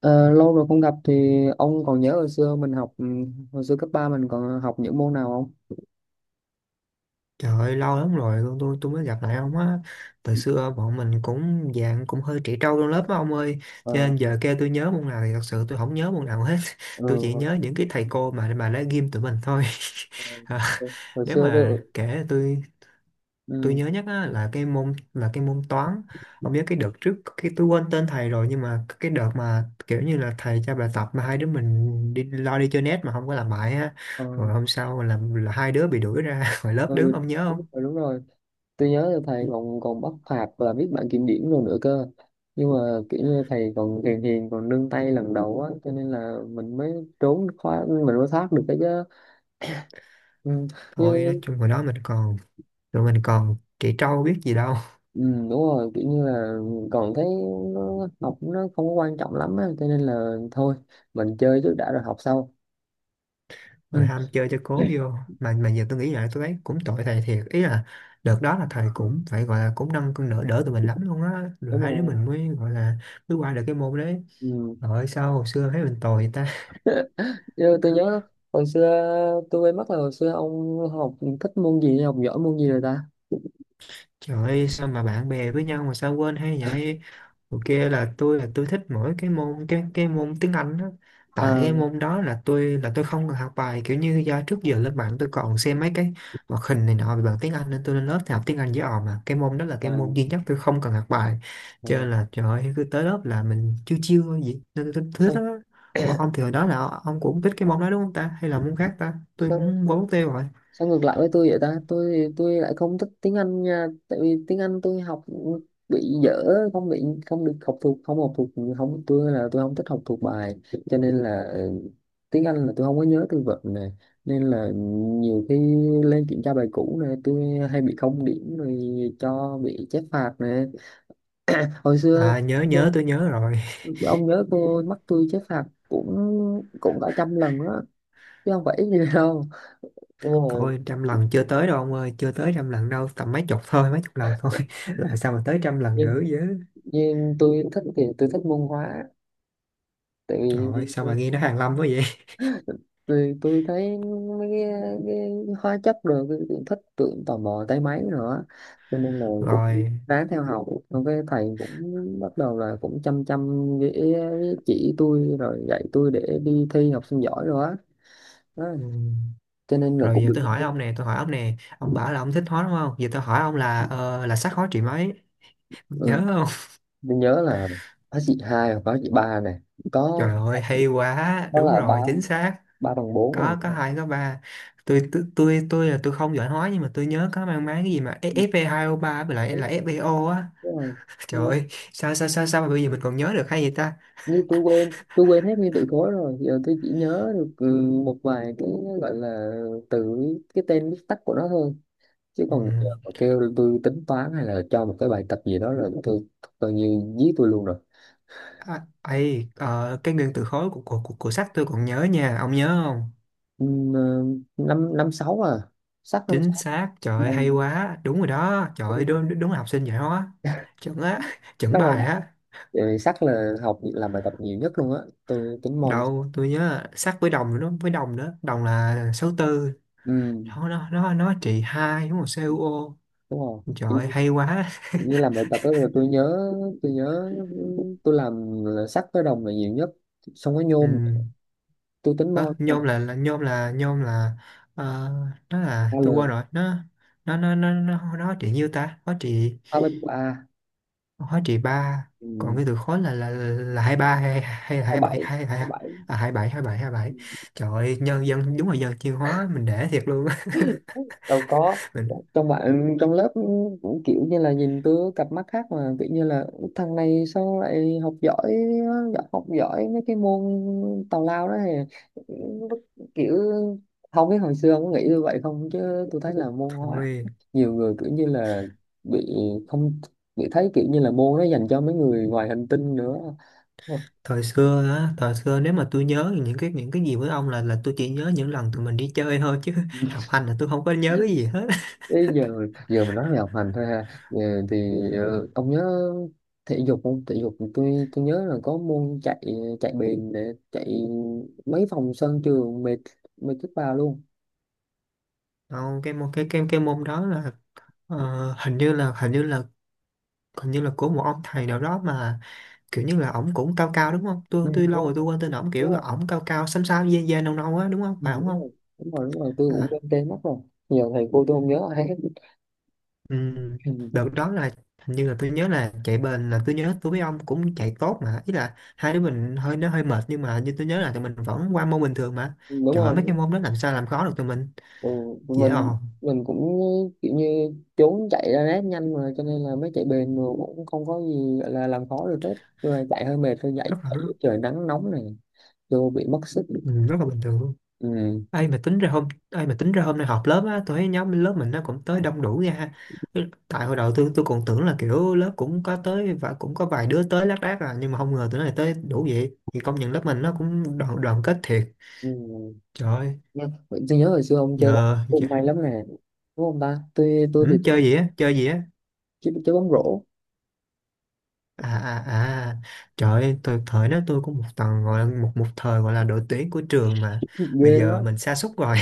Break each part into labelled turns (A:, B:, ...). A: Ờ, lâu rồi không gặp thì ông còn nhớ hồi xưa mình học hồi xưa cấp 3 mình còn học những môn nào không?
B: Trời ơi, lâu lắm rồi tôi mới gặp lại ông á. Từ xưa bọn mình cũng hơi trẻ trâu trong lớp á ông ơi. Cho
A: Ờ.
B: nên giờ kêu tôi nhớ môn nào thì thật sự tôi không nhớ môn nào hết.
A: Ừ.
B: Tôi chỉ
A: Hồi,
B: nhớ những cái thầy cô mà đã ghim tụi mình thôi.
A: hồi
B: À,
A: hồi
B: nếu
A: xưa tôi.
B: mà kể tôi
A: Ừ.
B: nhớ nhất á, là cái môn toán. Ông nhớ cái đợt trước cái tôi quên tên thầy rồi nhưng mà cái đợt mà kiểu như là thầy cho bài tập mà hai đứa mình đi lo đi chơi net mà không có làm bài á.
A: Ờ.
B: Rồi hôm sau là hai đứa bị đuổi ra khỏi lớp
A: Ừ,
B: đứng ông nhớ
A: đúng
B: không?
A: rồi, đúng rồi. Tôi nhớ là thầy còn còn bắt phạt và viết bảng kiểm điểm rồi nữa cơ. Nhưng mà kiểu như thầy còn hiền hiền còn nương tay lần đầu á cho nên là mình mới trốn khóa mình mới thoát được cái chứ. Ừ.
B: Thôi nói chung hồi đó mình còn tụi mình còn trẻ trâu biết gì đâu,
A: Ừ, đúng rồi, kiểu như là còn thấy nó, học nó không có quan trọng lắm á cho nên là thôi mình chơi trước đã rồi học sau.
B: rồi
A: Ừ.
B: ham chơi cho cố vô mà giờ tôi nghĩ lại tôi thấy cũng tội thầy thiệt, ý là đợt đó là thầy cũng phải gọi là cũng nâng cân đỡ đỡ tụi mình lắm luôn á, rồi
A: Đúng
B: hai đứa
A: rồi.
B: mình mới gọi là mới qua được cái môn đấy.
A: Ừ.
B: Rồi sao hồi xưa thấy mình tồi ta?
A: Chứ tôi nhớ hồi xưa tôi quên mất là hồi xưa ông học thích môn gì, học giỏi môn gì rồi ta?
B: Trời ơi, sao mà bạn bè với nhau mà sao quên hay vậy? Ok, là tôi thích mỗi cái môn tiếng Anh đó. Tại cái
A: À.
B: môn đó là tôi không cần học bài, kiểu như do trước giờ lên mạng tôi còn xem mấy cái hoạt hình này nọ về bằng tiếng Anh nên tôi lên lớp thì học tiếng Anh với họ, mà cái môn đó là
A: À.
B: cái môn duy nhất tôi không cần học bài, cho
A: À.
B: nên là trời ơi, cứ tới lớp là mình chiêu chiêu thôi, vậy nên tôi thích
A: Sao?
B: đó. Ủa ông thì hồi đó là ông cũng thích cái môn đó đúng không ta? Hay là môn khác ta? Tôi cũng quên mất tiêu rồi.
A: Sao ngược lại với tôi vậy ta? Tôi lại không thích tiếng Anh nha, tại vì tiếng Anh tôi học bị dở, không bị không được học thuộc, không học thuộc. Không, tôi là tôi không thích học thuộc bài cho nên là tiếng Anh là tôi không có nhớ từ vựng nè, nên là nhiều khi lên kiểm tra bài cũ này tôi hay bị không điểm rồi, cho bị chép phạt nè hồi xưa.
B: À, nhớ nhớ tôi nhớ rồi.
A: Ông nhớ cô mắc tôi chép phạt cũng, cả trăm lần á, chứ không phải ít gì đâu. Đúng rồi.
B: Coi trăm lần chưa tới đâu ông ơi, chưa tới trăm lần đâu, tầm mấy chục thôi, mấy chục lần thôi. Rồi sao mà tới trăm lần nữa chứ?
A: Nhưng tôi thích thì tôi thích muôn hóa, tại
B: Trời ơi,
A: vì
B: sao mà nghe nó hàn lâm quá vậy?
A: tôi thấy mấy cái, cái hóa chất rồi tôi cũng thích, tôi cũng tò mò tới mấy nữa cho nên là cũng
B: Rồi,
A: ráng theo học, xong cái thầy cũng bắt đầu là cũng chăm chăm chỉ tôi rồi dạy tôi để đi thi học sinh giỏi rồi á đó.
B: ừm,
A: Cho nên là
B: rồi
A: cũng
B: giờ
A: được.
B: tôi hỏi ông nè, tôi hỏi ông nè, ông bảo là ông thích hóa đúng không? Giờ tôi hỏi ông là là sắc hóa trị mấy? Nhớ
A: Ừ.
B: không?
A: Tôi nhớ là hóa trị 2 hoặc hóa trị 3 này, có
B: Trời ơi, hay quá,
A: có
B: đúng
A: là ba
B: rồi, chính xác.
A: ba bằng bốn rồi
B: Có
A: này.
B: hai có ba. Tôi không giỏi hóa nhưng mà tôi nhớ có mang máng cái gì mà
A: Ừ,
B: Fe2O3 với lại
A: đúng,
B: là FeO á.
A: đúng rồi.
B: Trời ơi, sao sao sao sao mà bây giờ mình còn nhớ được hay vậy ta?
A: Như tôi quên hết nguyên từ khối rồi, giờ tôi chỉ nhớ được một vài cái gọi là từ cái tên viết tắt của nó thôi, chứ
B: Ừ.
A: còn giờ mà kêu tôi tính toán hay là cho một cái bài tập gì đó là tôi coi như giết tôi luôn rồi.
B: À, ấy, cái nguyên tử khối của sách tôi còn nhớ nha, ông nhớ không?
A: Ừm, ờ, Năm năm sáu à, sắc năm
B: Chính
A: sáu.
B: xác, trời ơi, hay
A: Ừm.
B: quá, đúng rồi đó, trời ơi, đúng, đúng là học sinh giỏi hóa, chuẩn á. Chuẩn
A: Đang còn,
B: bài á.
A: sắc là học làm bài tập nhiều nhất luôn á, tôi tính môn.
B: Đâu, tôi nhớ sách với đồng nữa, với đồng nữa, đồng là số tư.
A: Ừm.
B: Nó trị hai đúng không? CuO.
A: Đúng rồi.
B: Trời ơi, hay quá.
A: Như làm bài tập đó là tôi nhớ tôi làm là sắt với đồng là nhiều nhất, xong cái
B: Ừ.
A: nhôm. Tôi tính mol.
B: Ờ, nhôm là, là nhôm. Ờ, nó
A: A
B: là tôi quên
A: L
B: rồi, nó nó trị nhiêu ta, nó trị
A: Ba bên của A.
B: hóa trị ba. Còn cái từ khối là 23 hay hay là
A: hai
B: hai
A: bảy
B: bảy hai
A: hai
B: hai
A: bảy
B: À, hai bảy. Trời ơi, nhân dân đúng là dân chuyên hóa mình để thiệt luôn á.
A: Đâu có.
B: Mình
A: Trong bạn trong lớp cũng kiểu như là nhìn tôi cặp mắt khác, mà kiểu như là thằng này sao lại học giỏi, học giỏi mấy cái môn tào lao đó này. Kiểu không biết hồi xưa ông có nghĩ như vậy không, chứ tôi thấy là môn hóa
B: thôi,
A: nhiều người kiểu như là bị không, bị thấy kiểu như là môn nó dành cho mấy người ngoài hành tinh nữa.
B: thời xưa á, thời xưa nếu mà tôi nhớ những cái gì với ông là tôi chỉ nhớ những lần tụi mình đi chơi thôi chứ học hành là tôi không có nhớ cái gì hết.
A: Bây giờ giờ mình nói về học hành thôi ha. Ờ, thì ông nhớ thể dục không? Thể dục tôi nhớ là có môn chạy, chạy bền, để chạy mấy vòng sân trường mệt, mệt chết bà luôn.
B: Không, cái môn cái môn đó là, ờ, hình như là của một ông thầy nào đó mà kiểu như là ổng cũng cao cao đúng không? tôi
A: Ừ,
B: tôi lâu
A: đúng
B: rồi tôi
A: rồi,
B: quên tên ổng, kiểu
A: đúng
B: là
A: rồi.
B: ổng cao cao, xám xám, da da nâu nâu á, đúng không?
A: Ừ,
B: Phải ổng không?
A: đúng rồi, đúng rồi, đúng rồi, tôi cũng
B: À,
A: quên tên mất rồi. Giờ thầy cô tôi không nhớ ai hết.
B: ừm,
A: Ừ,
B: đợt đó là hình như là tôi nhớ là chạy bền là tôi nhớ tôi với ông cũng chạy tốt mà, ý là hai đứa mình hơi, nó hơi mệt nhưng mà như tôi nhớ là tụi mình vẫn qua môn bình thường mà.
A: đúng
B: Trời ơi, mấy
A: rồi.
B: cái môn đó làm sao làm khó được tụi mình,
A: Ừ,
B: dễ
A: mình
B: ồn,
A: mình cũng kiểu như trốn chạy ra nét nhanh mà cho nên là mới chạy bền mà cũng không có gì gọi là làm khó được hết. Tôi chạy hơi mệt thôi, chạy
B: rất là
A: chạy
B: rất,
A: giữa trời nắng nóng này vô bị mất sức.
B: rất là bình thường luôn.
A: Ừ.
B: Ai mà tính ra hôm, ai mà tính ra hôm nay họp lớp á, tôi thấy nhóm lớp mình nó cũng tới đông đủ nha ha. Tại hồi đầu tôi còn tưởng là kiểu lớp cũng có tới và cũng có vài đứa tới lác đác à, nhưng mà không ngờ tụi này tới đủ vậy, thì công nhận lớp mình nó cũng đoàn đoàn kết thiệt.
A: Ừ.
B: Trời ơi,
A: Nhá. Vậy tôi nhớ hồi xưa ông chơi bóng
B: giờ
A: cũng
B: giờ-
A: may lắm nè, đúng không ta? Tôi thì
B: ừ,
A: tôi
B: chơi
A: không
B: gì á, chơi gì á?
A: chơi, chơi bóng rổ.
B: À, à, à. Trời ơi, tôi thời đó tôi cũng một thời gọi là đội tuyển của trường mà,
A: Ghê
B: bây
A: quá.
B: giờ mình sa sút rồi.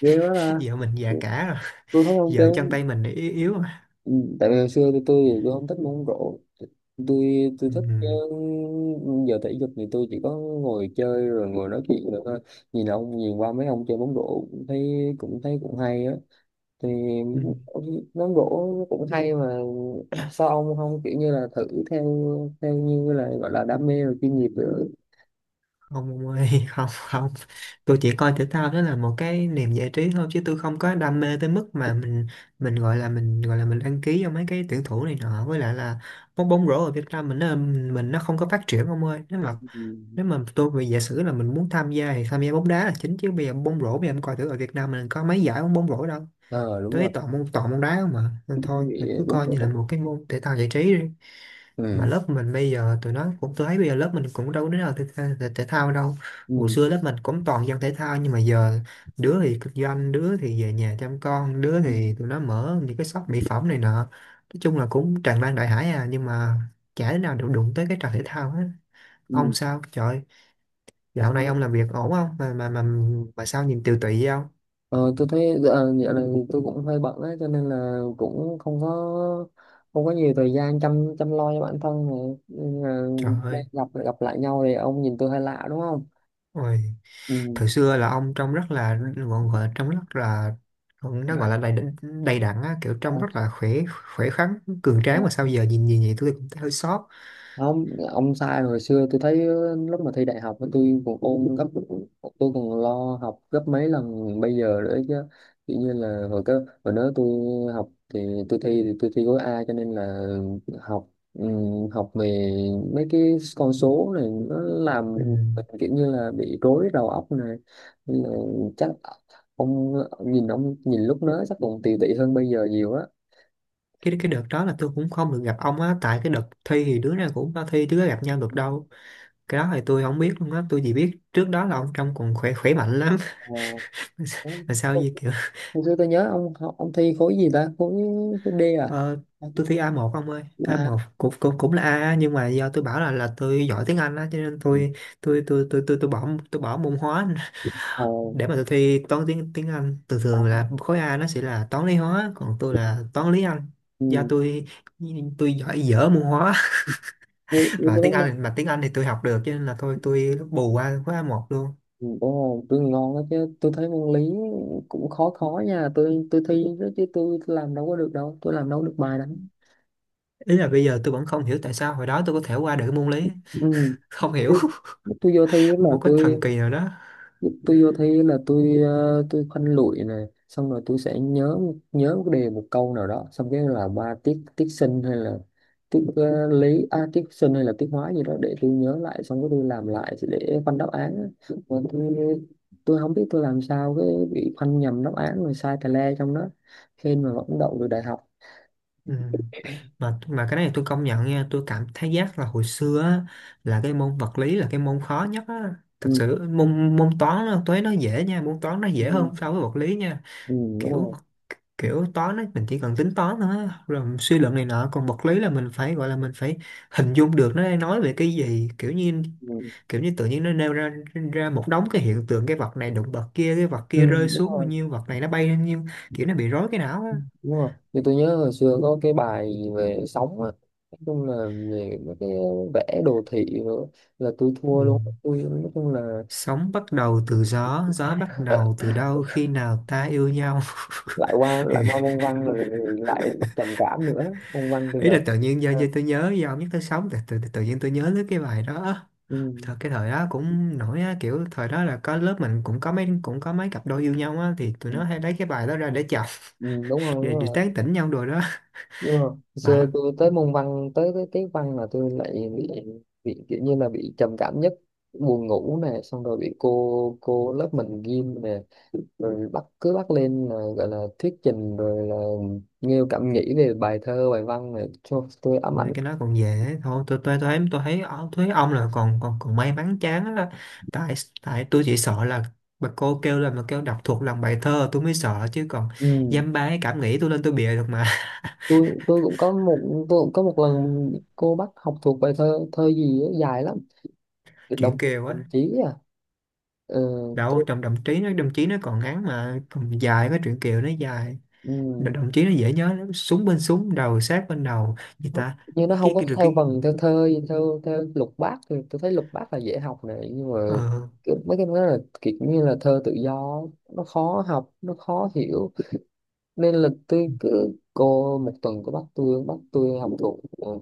A: Ghê quá ra.
B: Giờ mình già cả rồi,
A: Tôi thấy ông
B: giờ
A: chơi
B: chân
A: bóng...
B: tay mình yếu yếu rồi.
A: Ừ, tại vì hồi xưa thì tôi không thích bóng rổ. Tôi
B: Ừ.
A: thích giờ thể dục thì tôi chỉ có ngồi chơi rồi ngồi nói chuyện được thôi. Nhìn ông, nhìn qua mấy ông chơi bóng rổ cũng thấy, cũng thấy cũng hay á, thì
B: Ừ. Ừ.
A: nón gỗ nó cũng hay mà. Sao ông không kiểu như là thử theo, theo như là gọi là đam mê và chuyên nghiệp nữa?
B: Không ông ơi, không, không, tôi chỉ coi thể thao đó là một cái niềm giải trí thôi chứ tôi không có đam mê tới mức mà mình, mình gọi là mình đăng ký cho mấy cái tuyển thủ này nọ, với lại là bóng, bóng rổ ở Việt Nam mình nó, mình nó không có phát triển ông ơi.
A: Ừ.
B: Nếu mà tôi về giả sử là mình muốn tham gia thì tham gia bóng đá là chính, chứ bây giờ bóng rổ, bây giờ em coi thử ở Việt Nam mình có mấy giải bóng, bóng rổ đâu.
A: ờ đúng rồi.
B: Tôi toàn môn, toàn môn đá không mà, nên
A: Cái
B: thôi
A: bị
B: mình cứ
A: bún
B: coi như là
A: bổ.
B: một cái môn thể thao giải trí đi. Mà
A: Ừ.
B: lớp mình bây giờ tụi nó cũng, tôi thấy bây giờ lớp mình cũng đâu có đứa nào thể thao đâu. Hồi
A: Ừ.
B: xưa lớp mình cũng toàn dân thể thao nhưng mà giờ đứa thì kinh doanh, đứa thì về nhà chăm con, đứa
A: Ừ.
B: thì tụi nó mở những cái shop mỹ phẩm này nọ, nói chung là cũng tràn lan đại hải à, nhưng mà chả đứa nào được đụng tới cái trò thể thao hết. Ông
A: Ừ.
B: sao trời,
A: Ờ,
B: dạo này ông làm việc ổn không mà mà sao nhìn tiều tụy vậy ông?
A: ờ, tôi thấy dạo này thì tôi cũng hơi bận á cho nên là cũng không có, không có nhiều thời gian chăm chăm lo cho bản thân này, nên là
B: Trời
A: đây,
B: ơi,
A: gặp gặp lại nhau thì ông nhìn tôi hơi lạ đúng không?
B: ôi,
A: Ừ.
B: thời xưa là ông trông rất là gọi, gọi là trông rất là, nó gọi là đầy đặn á, kiểu
A: Ờ,
B: trông rất là khỏe, khỏe khoắn, cường tráng, mà sao giờ nhìn nhìn vậy tôi cũng thấy hơi xót.
A: Không ông sai, hồi xưa tôi thấy lúc mà thi đại học tôi còn ôn gấp, tôi còn lo học gấp mấy lần bây giờ nữa chứ. Tự nhiên là hồi đó tôi học thì tôi thi, thì tôi thi gói A cho nên là học, học về mấy cái con số này nó làm
B: Ừ.
A: mình kiểu như là bị rối đầu óc này. Nên là chắc ông ông nhìn lúc đó chắc còn tiều tụy hơn bây giờ nhiều á.
B: Cái đợt đó là tôi cũng không được gặp ông á, tại cái đợt thi thì đứa nào cũng có thi chứ có gặp nhau được đâu. Cái đó thì tôi không biết luôn á, tôi chỉ biết trước đó là ông trông còn khỏe, khỏe mạnh lắm. Mà sao
A: Ờ,
B: gì kiểu,
A: Hồi xưa tôi nhớ ông học ông thi khối gì ta? Khối khối D à?
B: ờ, tôi thi A1 ông ơi, a
A: À.
B: một cũng cũng cũng là A nhưng mà do tôi bảo là tôi giỏi tiếng Anh á cho nên tôi tôi bỏ, tôi bỏ môn hóa
A: Ồ.
B: để mà tôi thi toán, tiếng tiếng Anh. Thường
A: À.
B: thường là khối A nó sẽ là toán lý hóa, còn tôi là toán lý Anh, do
A: Ừ.
B: tôi giỏi dở môn hóa.
A: như như
B: Mà
A: tôi
B: tiếng
A: thấy môn.
B: Anh, thì tôi học được, cho nên là thôi tôi bù qua khối A1 luôn.
A: Ừ, đúng rồi, trường ngon đó chứ. Tôi thấy môn lý cũng khó khó nha, tôi thi đó chứ tôi làm đâu có được đâu, tôi làm đâu có được bài đâu.
B: Ý là bây giờ tôi vẫn không hiểu tại sao hồi đó tôi có thể qua được cái môn lý,
A: Ừ.
B: không
A: Chứ
B: hiểu.
A: tôi vô thi là
B: Một cái thần
A: tôi
B: kỳ nào đó.
A: tôi vô thi là tôi, tôi khoanh lụi này, xong rồi tôi sẽ nhớ, nhớ một cái đề một câu nào đó, xong cái là ba tiết tiết sinh hay là tiết lý à, tiết sinh hay là tiết hóa gì đó để tôi nhớ lại, xong cái tôi làm lại để khoanh đáp án á. Mà tôi không biết tôi làm sao cái bị khoanh nhầm đáp án rồi sai tà le trong đó, hên mà vẫn đậu được đại học.
B: Ừ. mà cái này tôi công nhận nha, tôi cảm thấy giác là hồi xưa á, là cái môn vật lý là cái môn khó nhất á. Thật
A: Ừ.
B: sự môn, toán nó dễ nha, môn toán nó dễ
A: Ừ.
B: hơn so với vật lý nha.
A: Ừ, đúng
B: Kiểu
A: rồi.
B: Kiểu toán ấy, mình chỉ cần tính toán thôi á, rồi suy luận này nọ, còn vật lý là mình phải gọi là mình phải hình dung được nó đang nói về cái gì, kiểu như
A: Ừ.
B: tự nhiên nó nêu ra, ra một đống cái hiện tượng, cái vật này đụng vật kia, cái vật
A: Ừ.
B: kia rơi
A: Đúng
B: xuống bao
A: rồi,
B: nhiêu, vật này nó bay lên bao nhiêu, kiểu nó bị rối cái não á.
A: đúng rồi, như tôi nhớ hồi xưa có cái bài gì về sóng á, nói chung là về mấy cái vẽ đồ thị nữa là tôi thua
B: Ừ.
A: luôn, tôi nói chung là.
B: Sống bắt đầu từ gió, gió bắt đầu từ đâu, khi nào ta yêu nhau?
A: lại qua
B: Thì
A: lại qua môn văn rồi thì lại trầm cảm nữa, môn văn thì
B: ý là
A: gần.
B: tự nhiên do,
A: À.
B: do tôi nhớ do ông nhất tới sống, tự nhiên tôi nhớ tới cái bài đó.
A: Ừ.
B: Thật, cái thời đó cũng nổi á, kiểu thời đó là có, lớp mình cũng có mấy, cũng có mấy cặp đôi yêu nhau á thì tụi nó
A: Ừ.
B: hay lấy cái bài đó ra để chọc,
A: Ừ, đúng rồi, đúng
B: để
A: rồi.
B: tán tỉnh nhau đồ đó.
A: Nhưng mà hồi
B: Bà
A: xưa
B: đó.
A: tôi tới môn văn, tới cái tiết văn là tôi lại bị kiểu như là bị trầm cảm nhất, buồn ngủ nè, xong rồi bị cô lớp mình ghim nè, rồi bắt cứ bắt lên là gọi là thuyết trình rồi là nêu cảm nghĩ về bài thơ bài văn này, cho tôi ám ảnh.
B: Ôi, cái nó còn về ấy. Thôi tôi thấy, tôi thấy ông là còn còn còn may mắn chán á, tại, tôi chỉ sợ là bà cô kêu là mà kêu đọc thuộc lòng bài thơ tôi mới sợ, chứ còn
A: Ừ.
B: dăm ba cái cảm nghĩ tôi lên tôi bịa được mà.
A: Tôi cũng có một lần cô bắt học thuộc bài thơ, thơ gì á, dài lắm. Đồng
B: Chuyện Kiều
A: Đồng
B: á.
A: chí à. ừ,
B: Đâu,
A: tôi,
B: trong Đồng Chí, nó Đồng Chí nó còn ngắn mà, còn dài cái Chuyện Kiều nó dài.
A: ừ,
B: Đ- Đồng Chí nó dễ nhớ lắm, súng bên súng đầu sát bên đầu gì
A: nó-
B: ta?
A: như nó không có
B: Cái rồi
A: theo
B: cái
A: vần theo thơ theo theo lục bát, thì tôi thấy lục bát là dễ học này, nhưng mà
B: ờ
A: cái- mấy cái đó là kiểu như là thơ tự do á, nó khó học, nó khó hiểu nên là tôi cứ, cô một tuần có bắt tôi, học thuộc,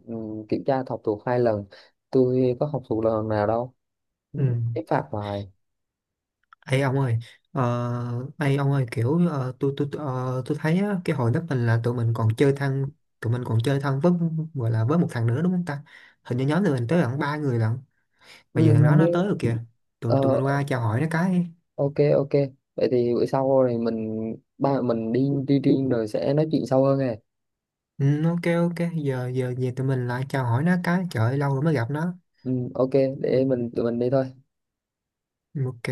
A: ừ, kiểm tra học thuộc 2 lần, tôi có học thuộc lần nào đâu,
B: Ừ.
A: cái phạt hoài.
B: Ê ông ơi, ờ ê ông ơi, kiểu ờ, tôi thấy á, cái hồi đó mình là tụi mình còn chơi thân với, gọi là với một thằng nữa đúng không ta? Hình như nhóm tụi mình tới gần ba người lận,
A: Ừ,
B: mà giờ thằng đó
A: hình như.
B: nó tới rồi kìa, tụi tụi
A: ờ,
B: mình qua chào hỏi nó cái.
A: ok, ok, vậy thì bữa sau rồi mình ba mình đi, riêng rồi sẽ nói chuyện sâu hơn nè.
B: Ừ, ok, ok, giờ giờ về tụi mình lại chào hỏi nó cái, trời ơi, lâu rồi mới gặp nó.
A: Ừ, ok, để tụi mình đi thôi.
B: Ừ, ok.